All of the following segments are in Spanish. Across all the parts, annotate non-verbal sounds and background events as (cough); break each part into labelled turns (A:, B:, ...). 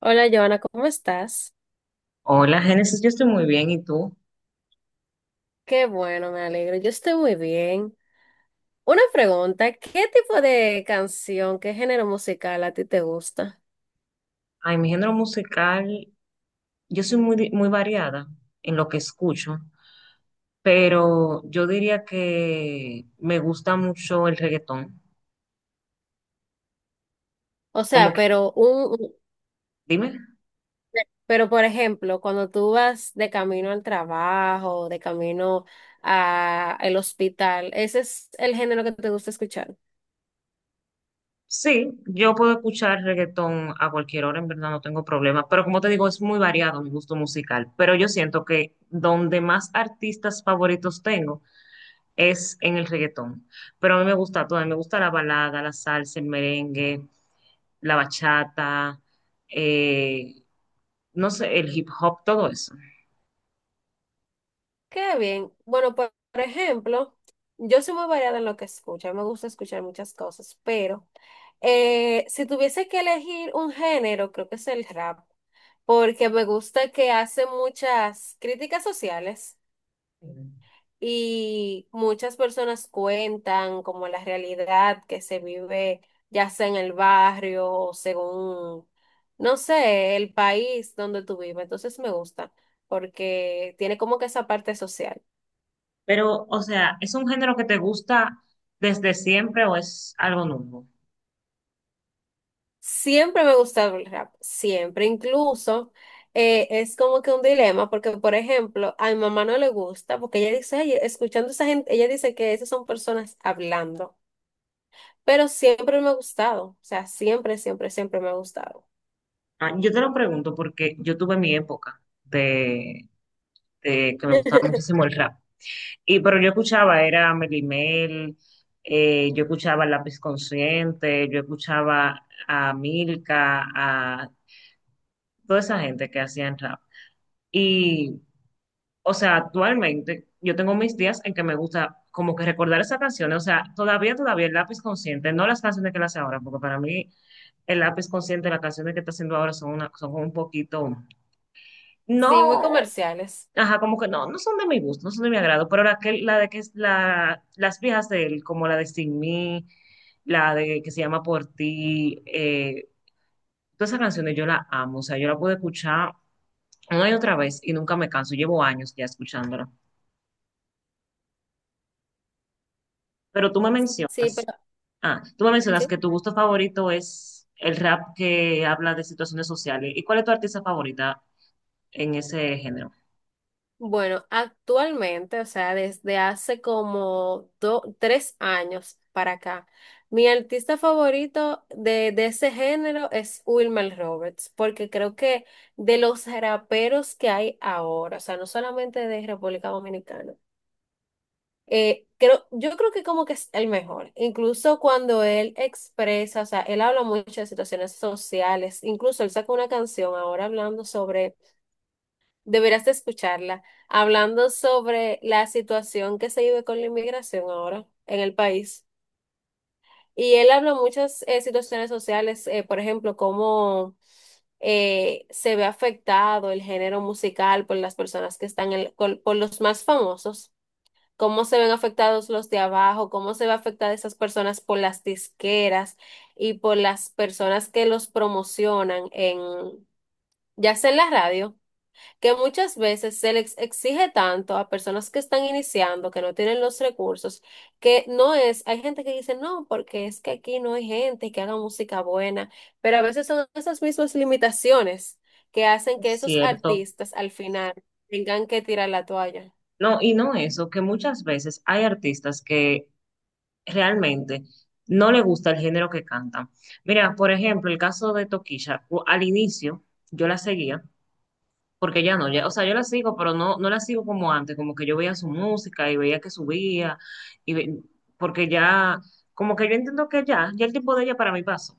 A: Hola, Joana, ¿cómo estás?
B: Hola, Génesis, yo estoy muy bien, ¿y tú?
A: Qué bueno, me alegro. Yo estoy muy bien. Una pregunta, ¿qué tipo de canción, qué género musical a ti te gusta?
B: Ay, mi género musical, yo soy muy variada en lo que escucho, pero yo diría que me gusta mucho el reggaetón.
A: O
B: Como
A: sea,
B: que,
A: pero
B: dime,
A: pero por ejemplo, cuando tú vas de camino al trabajo, de camino a el hospital, ¿ese es el género que te gusta escuchar?
B: sí, yo puedo escuchar reggaetón a cualquier hora, en verdad no tengo problema, pero como te digo, es muy variado mi gusto musical, pero yo siento que donde más artistas favoritos tengo es en el reggaetón, pero a mí me gusta todo, a mí me gusta la balada, la salsa, el merengue, la bachata, eh, no sé, el hip hop, todo eso.
A: Qué bien. Bueno, por ejemplo, yo soy muy variada en lo que escucho. A mí me gusta escuchar muchas cosas, pero si tuviese que elegir un género, creo que es el rap, porque me gusta que hace muchas críticas sociales y muchas personas cuentan como la realidad que se vive, ya sea en el barrio o según, no sé, el país donde tú vives. Entonces me gusta, porque tiene como que esa parte social.
B: Pero, o sea, ¿es un género que te gusta desde siempre o es algo nuevo?
A: Siempre me gusta el rap, siempre, incluso es como que un dilema, porque por ejemplo, a mi mamá no le gusta, porque ella dice, "Ay, escuchando esa gente, ella dice que esas son personas hablando, pero siempre me ha gustado, o sea, siempre, siempre, siempre me ha gustado.
B: Ah, yo te lo pregunto porque yo tuve mi época de que me gustaba muchísimo el rap. Pero yo escuchaba, era Melly Mel, yo escuchaba Lápiz Consciente, yo escuchaba a Milka, a toda esa gente que hacían rap. Y O sea, actualmente yo tengo mis días en que me gusta como que recordar esas canciones. O sea, todavía el lápiz consciente, no las canciones que él hace ahora, porque para mí el lápiz consciente, las canciones que está haciendo ahora son un poquito,
A: Sí, muy
B: no,
A: comerciales.
B: ajá, como que no, no son de mi gusto, no son de mi agrado, pero la, que, la de que es la, las viejas de él, como la de Sin Mí, la de que se llama Por Ti, todas esas canciones yo las amo, o sea, yo la puedo escuchar una y otra vez y nunca me canso, llevo años ya escuchándola. Pero tú me
A: Sí,
B: mencionas.
A: pero
B: Ah, tú me mencionas
A: sí.
B: que tu gusto favorito es el rap que habla de situaciones sociales. ¿Y cuál es tu artista favorita en ese género?
A: Bueno, actualmente, o sea, desde hace como tres años para acá, mi artista favorito de ese género es Wilmer Roberts, porque creo que de los raperos que hay ahora, o sea, no solamente de República Dominicana, yo creo que como que es el mejor, incluso cuando él expresa, o sea, él habla mucho de situaciones sociales, incluso él sacó una canción ahora hablando sobre Deberás de escucharla, hablando sobre la situación que se vive con la inmigración ahora en el país. Y él habla muchas situaciones sociales, por ejemplo, cómo se ve afectado el género musical por las personas que están, por los más famosos, cómo se ven afectados los de abajo, cómo se ve afectada esas personas por las disqueras y por las personas que los promocionan en, ya sea en la radio, que muchas veces se les exige tanto a personas que están iniciando, que no tienen los recursos, que no es, hay gente que dice, no, porque es que aquí no hay gente que haga música buena, pero a veces son esas mismas limitaciones que hacen que
B: Es
A: esos
B: cierto.
A: artistas al final tengan que tirar la toalla.
B: No, y no eso, que muchas veces hay artistas que realmente no le gusta el género que cantan. Mira, por ejemplo, el caso de Tokisha, al inicio yo la seguía, porque ya no, ya, o sea, yo la sigo, pero no, no la sigo como antes, como que yo veía su música y veía que subía, y ve- porque ya, como que yo entiendo que ya, ya el tiempo de ella para mí pasó.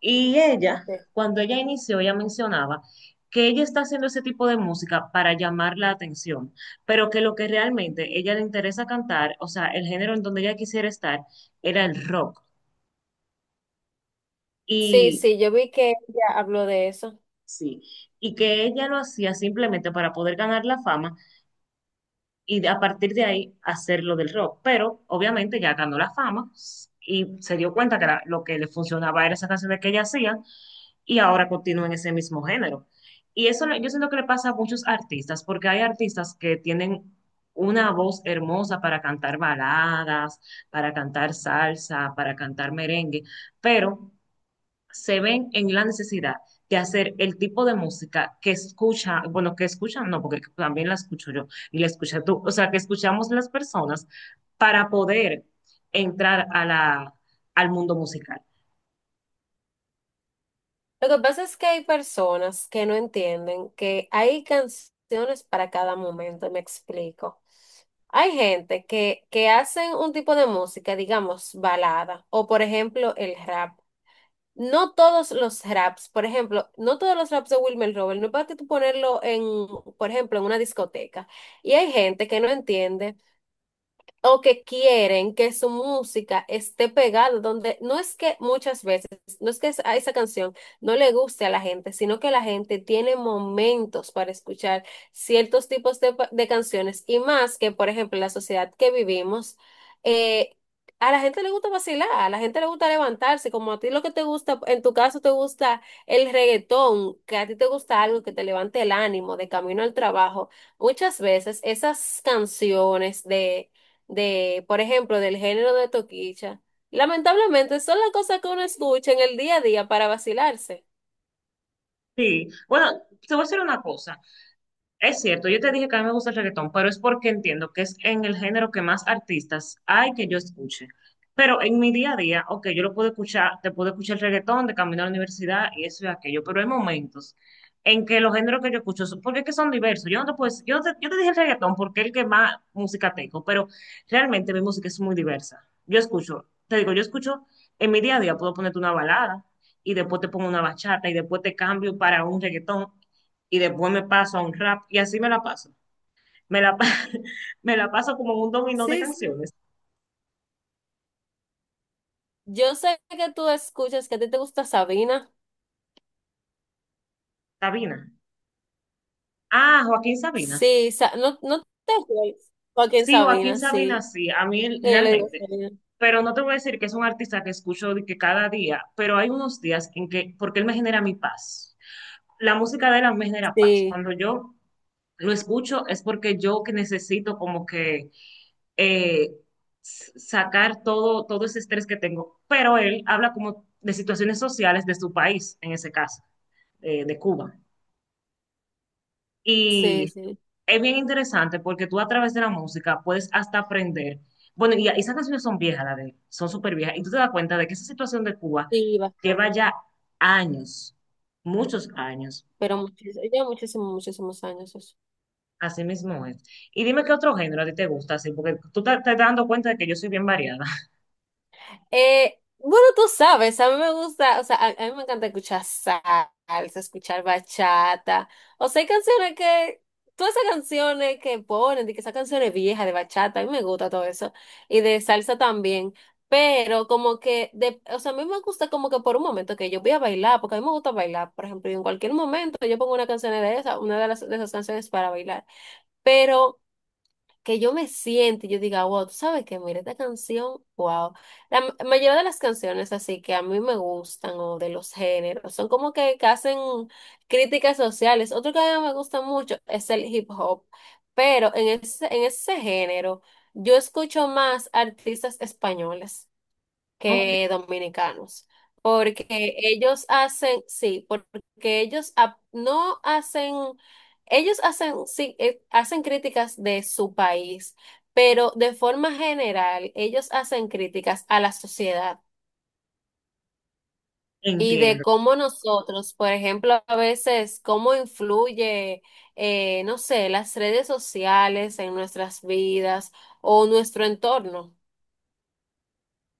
B: Y ella,
A: Sí.
B: cuando ella inició, ella mencionaba que ella está haciendo ese tipo de música para llamar la atención, pero que lo que realmente ella le interesa cantar, o sea, el género en donde ella quisiera estar, era el rock.
A: Sí,
B: Y
A: sí, yo vi que ella habló de eso.
B: sí, y que ella lo hacía simplemente para poder ganar la fama, y a partir de ahí hacer lo del rock. Pero obviamente ya ganó la fama y se dio cuenta lo que le funcionaba era esa canción que ella hacía y ahora continúa en ese mismo género. Y eso yo siento que le pasa a muchos artistas, porque hay artistas que tienen una voz hermosa para cantar baladas, para cantar salsa, para cantar merengue, pero se ven en la necesidad de hacer el tipo de música que escucha, bueno, que escuchan, no, porque también la escucho yo y la escucha tú, o sea, que escuchamos las personas para poder entrar a la, al mundo musical.
A: Lo que pasa es que hay personas que no entienden que hay canciones para cada momento, me explico. Hay gente que hacen un tipo de música, digamos, balada, o por ejemplo el rap. No todos los raps, por ejemplo, no todos los raps de Wilmer Robert, no es para que tú ponerlo en, por ejemplo, en una discoteca. Y hay gente que no entiende o que quieren que su música esté pegada donde no es que muchas veces, no es que a esa canción no le guste a la gente, sino que la gente tiene momentos para escuchar ciertos tipos de, de canciones y más que, por ejemplo, en la sociedad que vivimos, eh, a la gente le gusta vacilar, a la gente le gusta levantarse, como a ti lo que te gusta, en tu caso te gusta el reggaetón, que a ti te gusta algo que te levante el ánimo de camino al trabajo. Muchas veces esas canciones de por ejemplo, del género de toquicha. Lamentablemente son las cosas que uno escucha en el día a día para vacilarse.
B: Sí, bueno, te voy a decir una cosa. Es cierto, yo te dije que a mí me gusta el reggaetón, pero es porque entiendo que es en el género que más artistas hay que yo escuche. Pero en mi día a día, ok, yo lo puedo escuchar, te puedo escuchar el reggaetón de camino a la universidad y eso y aquello, pero hay momentos en que los géneros que yo escucho, son- porque es que son diversos. Yo no te puedo decir- yo no te, yo te dije el reggaetón porque es el que más música tengo, pero realmente mi música es muy diversa. Yo escucho, te digo, yo escucho, en mi día a día puedo ponerte una balada y después te pongo una bachata y después te cambio para un reggaetón y después me paso a un rap y así me la paso. Me la, pa- (laughs) me la paso como un dominó de
A: Sí, sí.
B: canciones.
A: Yo sé que tú escuchas que a ti te gusta Sabina.
B: Sabina. Ah, Joaquín Sabina.
A: Sí, no, no te juegues. Joaquín
B: Sí, Joaquín
A: Sabina,
B: Sabina,
A: sí.
B: sí, a mí
A: Y yo le digo
B: realmente.
A: Sabina.
B: Pero no te voy a decir que es un artista que escucho de que cada día, pero hay unos días en que, porque él me genera mi paz. La música de él a mí me genera paz.
A: Sí,
B: Cuando yo lo escucho es porque yo que necesito como que eh, sacar todo, todo ese estrés que tengo. Pero él habla como de situaciones sociales de su país, en ese caso, de Cuba.
A: sí,
B: Y
A: sí.
B: es bien interesante porque tú a través de la música puedes hasta aprender. Bueno, y esas canciones son viejas, la de él, son súper viejas. Y tú te das cuenta de que esa situación de Cuba
A: Sí,
B: lleva
A: bastante.
B: ya años, muchos años.
A: Pero muchísimo, ya muchísimos, muchísimos años eso.
B: Así mismo es. Y dime qué otro género a ti te gusta, así, porque tú te, te estás dando cuenta de que yo soy bien variada. (laughs)
A: Bueno, tú sabes, a mí me gusta, o sea, a mí me encanta escuchar salsa, escuchar bachata. O sea, hay canciones que, todas esas canciones que ponen, de que esas canciones viejas de bachata, a mí me gusta todo eso. Y de salsa también. Pero como que, de, o sea, a mí me gusta como que por un momento que yo voy a bailar, porque a mí me gusta bailar, por ejemplo, y en cualquier momento yo pongo una canción de esa, una de las, de esas canciones para bailar. Pero que yo me siente y yo diga, wow, tú sabes que mira esta canción, wow. La mayoría de las canciones así que a mí me gustan o de los géneros son como que hacen críticas sociales. Otro que a mí me gusta mucho es el hip hop, pero en ese género yo escucho más artistas españoles
B: Ok,
A: que dominicanos, porque ellos hacen, sí, porque ellos ap- no hacen, ellos hacen, sí, hacen críticas de su país, pero de forma general, ellos hacen críticas a la sociedad y de
B: entiendo.
A: cómo nosotros, por ejemplo, a veces, cómo influye, no sé, las redes sociales en nuestras vidas o nuestro entorno.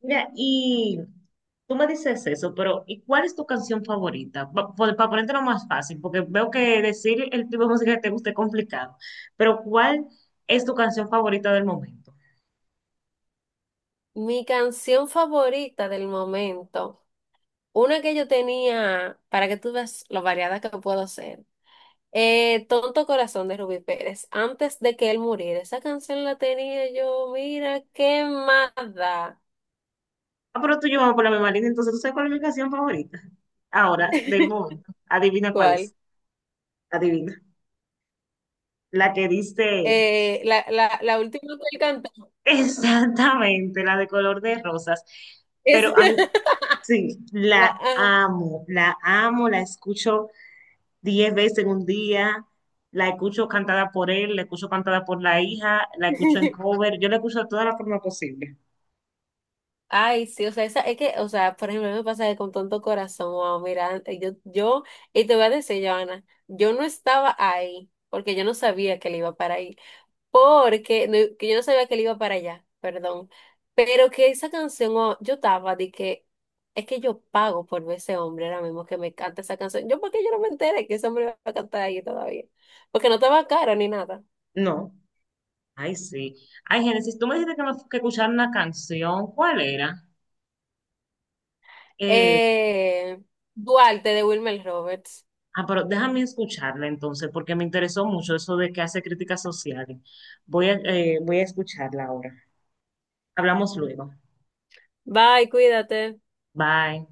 B: Mira, y tú me dices eso, pero ¿y cuál es tu canción favorita? Para ponértelo más fácil, porque veo que decir el tipo de música que te gusta es complicado, pero ¿cuál es tu canción favorita del momento?
A: Mi canción favorita del momento. Una que yo tenía, para que tú veas lo variada que puedo ser. Tonto Corazón de Rubí Pérez. Antes de que él muriera, esa canción la tenía yo, mira, quemada.
B: Ah, pero tú y yo vamos por la misma línea, entonces tú sabes cuál es mi canción favorita. Ahora, del
A: (laughs)
B: momento, adivina cuál
A: ¿Cuál?
B: es, adivina. La que dice
A: La última que él cantó
B: exactamente, la de color de rosas,
A: es
B: pero a mí
A: (laughs)
B: sí, la
A: la, ah.
B: amo, la amo, la escucho 10 veces en un día, la escucho cantada por él, la escucho cantada por la hija, la escucho en
A: (laughs)
B: cover, yo la escucho de toda la forma posible.
A: Ay, sí, o sea, esa, es que, o sea, por ejemplo, a mí me pasa que con Tonto Corazón, wow, mira, yo, y te voy a decir, Joana, yo no estaba ahí, porque yo no sabía que él iba para ahí. Porque no- Que yo no sabía que él iba para allá, perdón. Pero que esa canción, oh, yo estaba de que es que yo pago por ver ese hombre ahora mismo que me canta esa canción. Yo, ¿porque yo no me enteré que ese hombre iba a cantar ahí todavía? Porque no estaba caro ni nada.
B: No, ay sí. Ay, Génesis, tú me dijiste que, que escuchar una canción, ¿cuál era? Eh,
A: Eh, Duarte de Wilmer Roberts.
B: ah, pero déjame escucharla entonces, porque me interesó mucho eso de que hace críticas sociales. Voy a escucharla ahora. Hablamos luego.
A: Bye, cuídate.
B: Bye.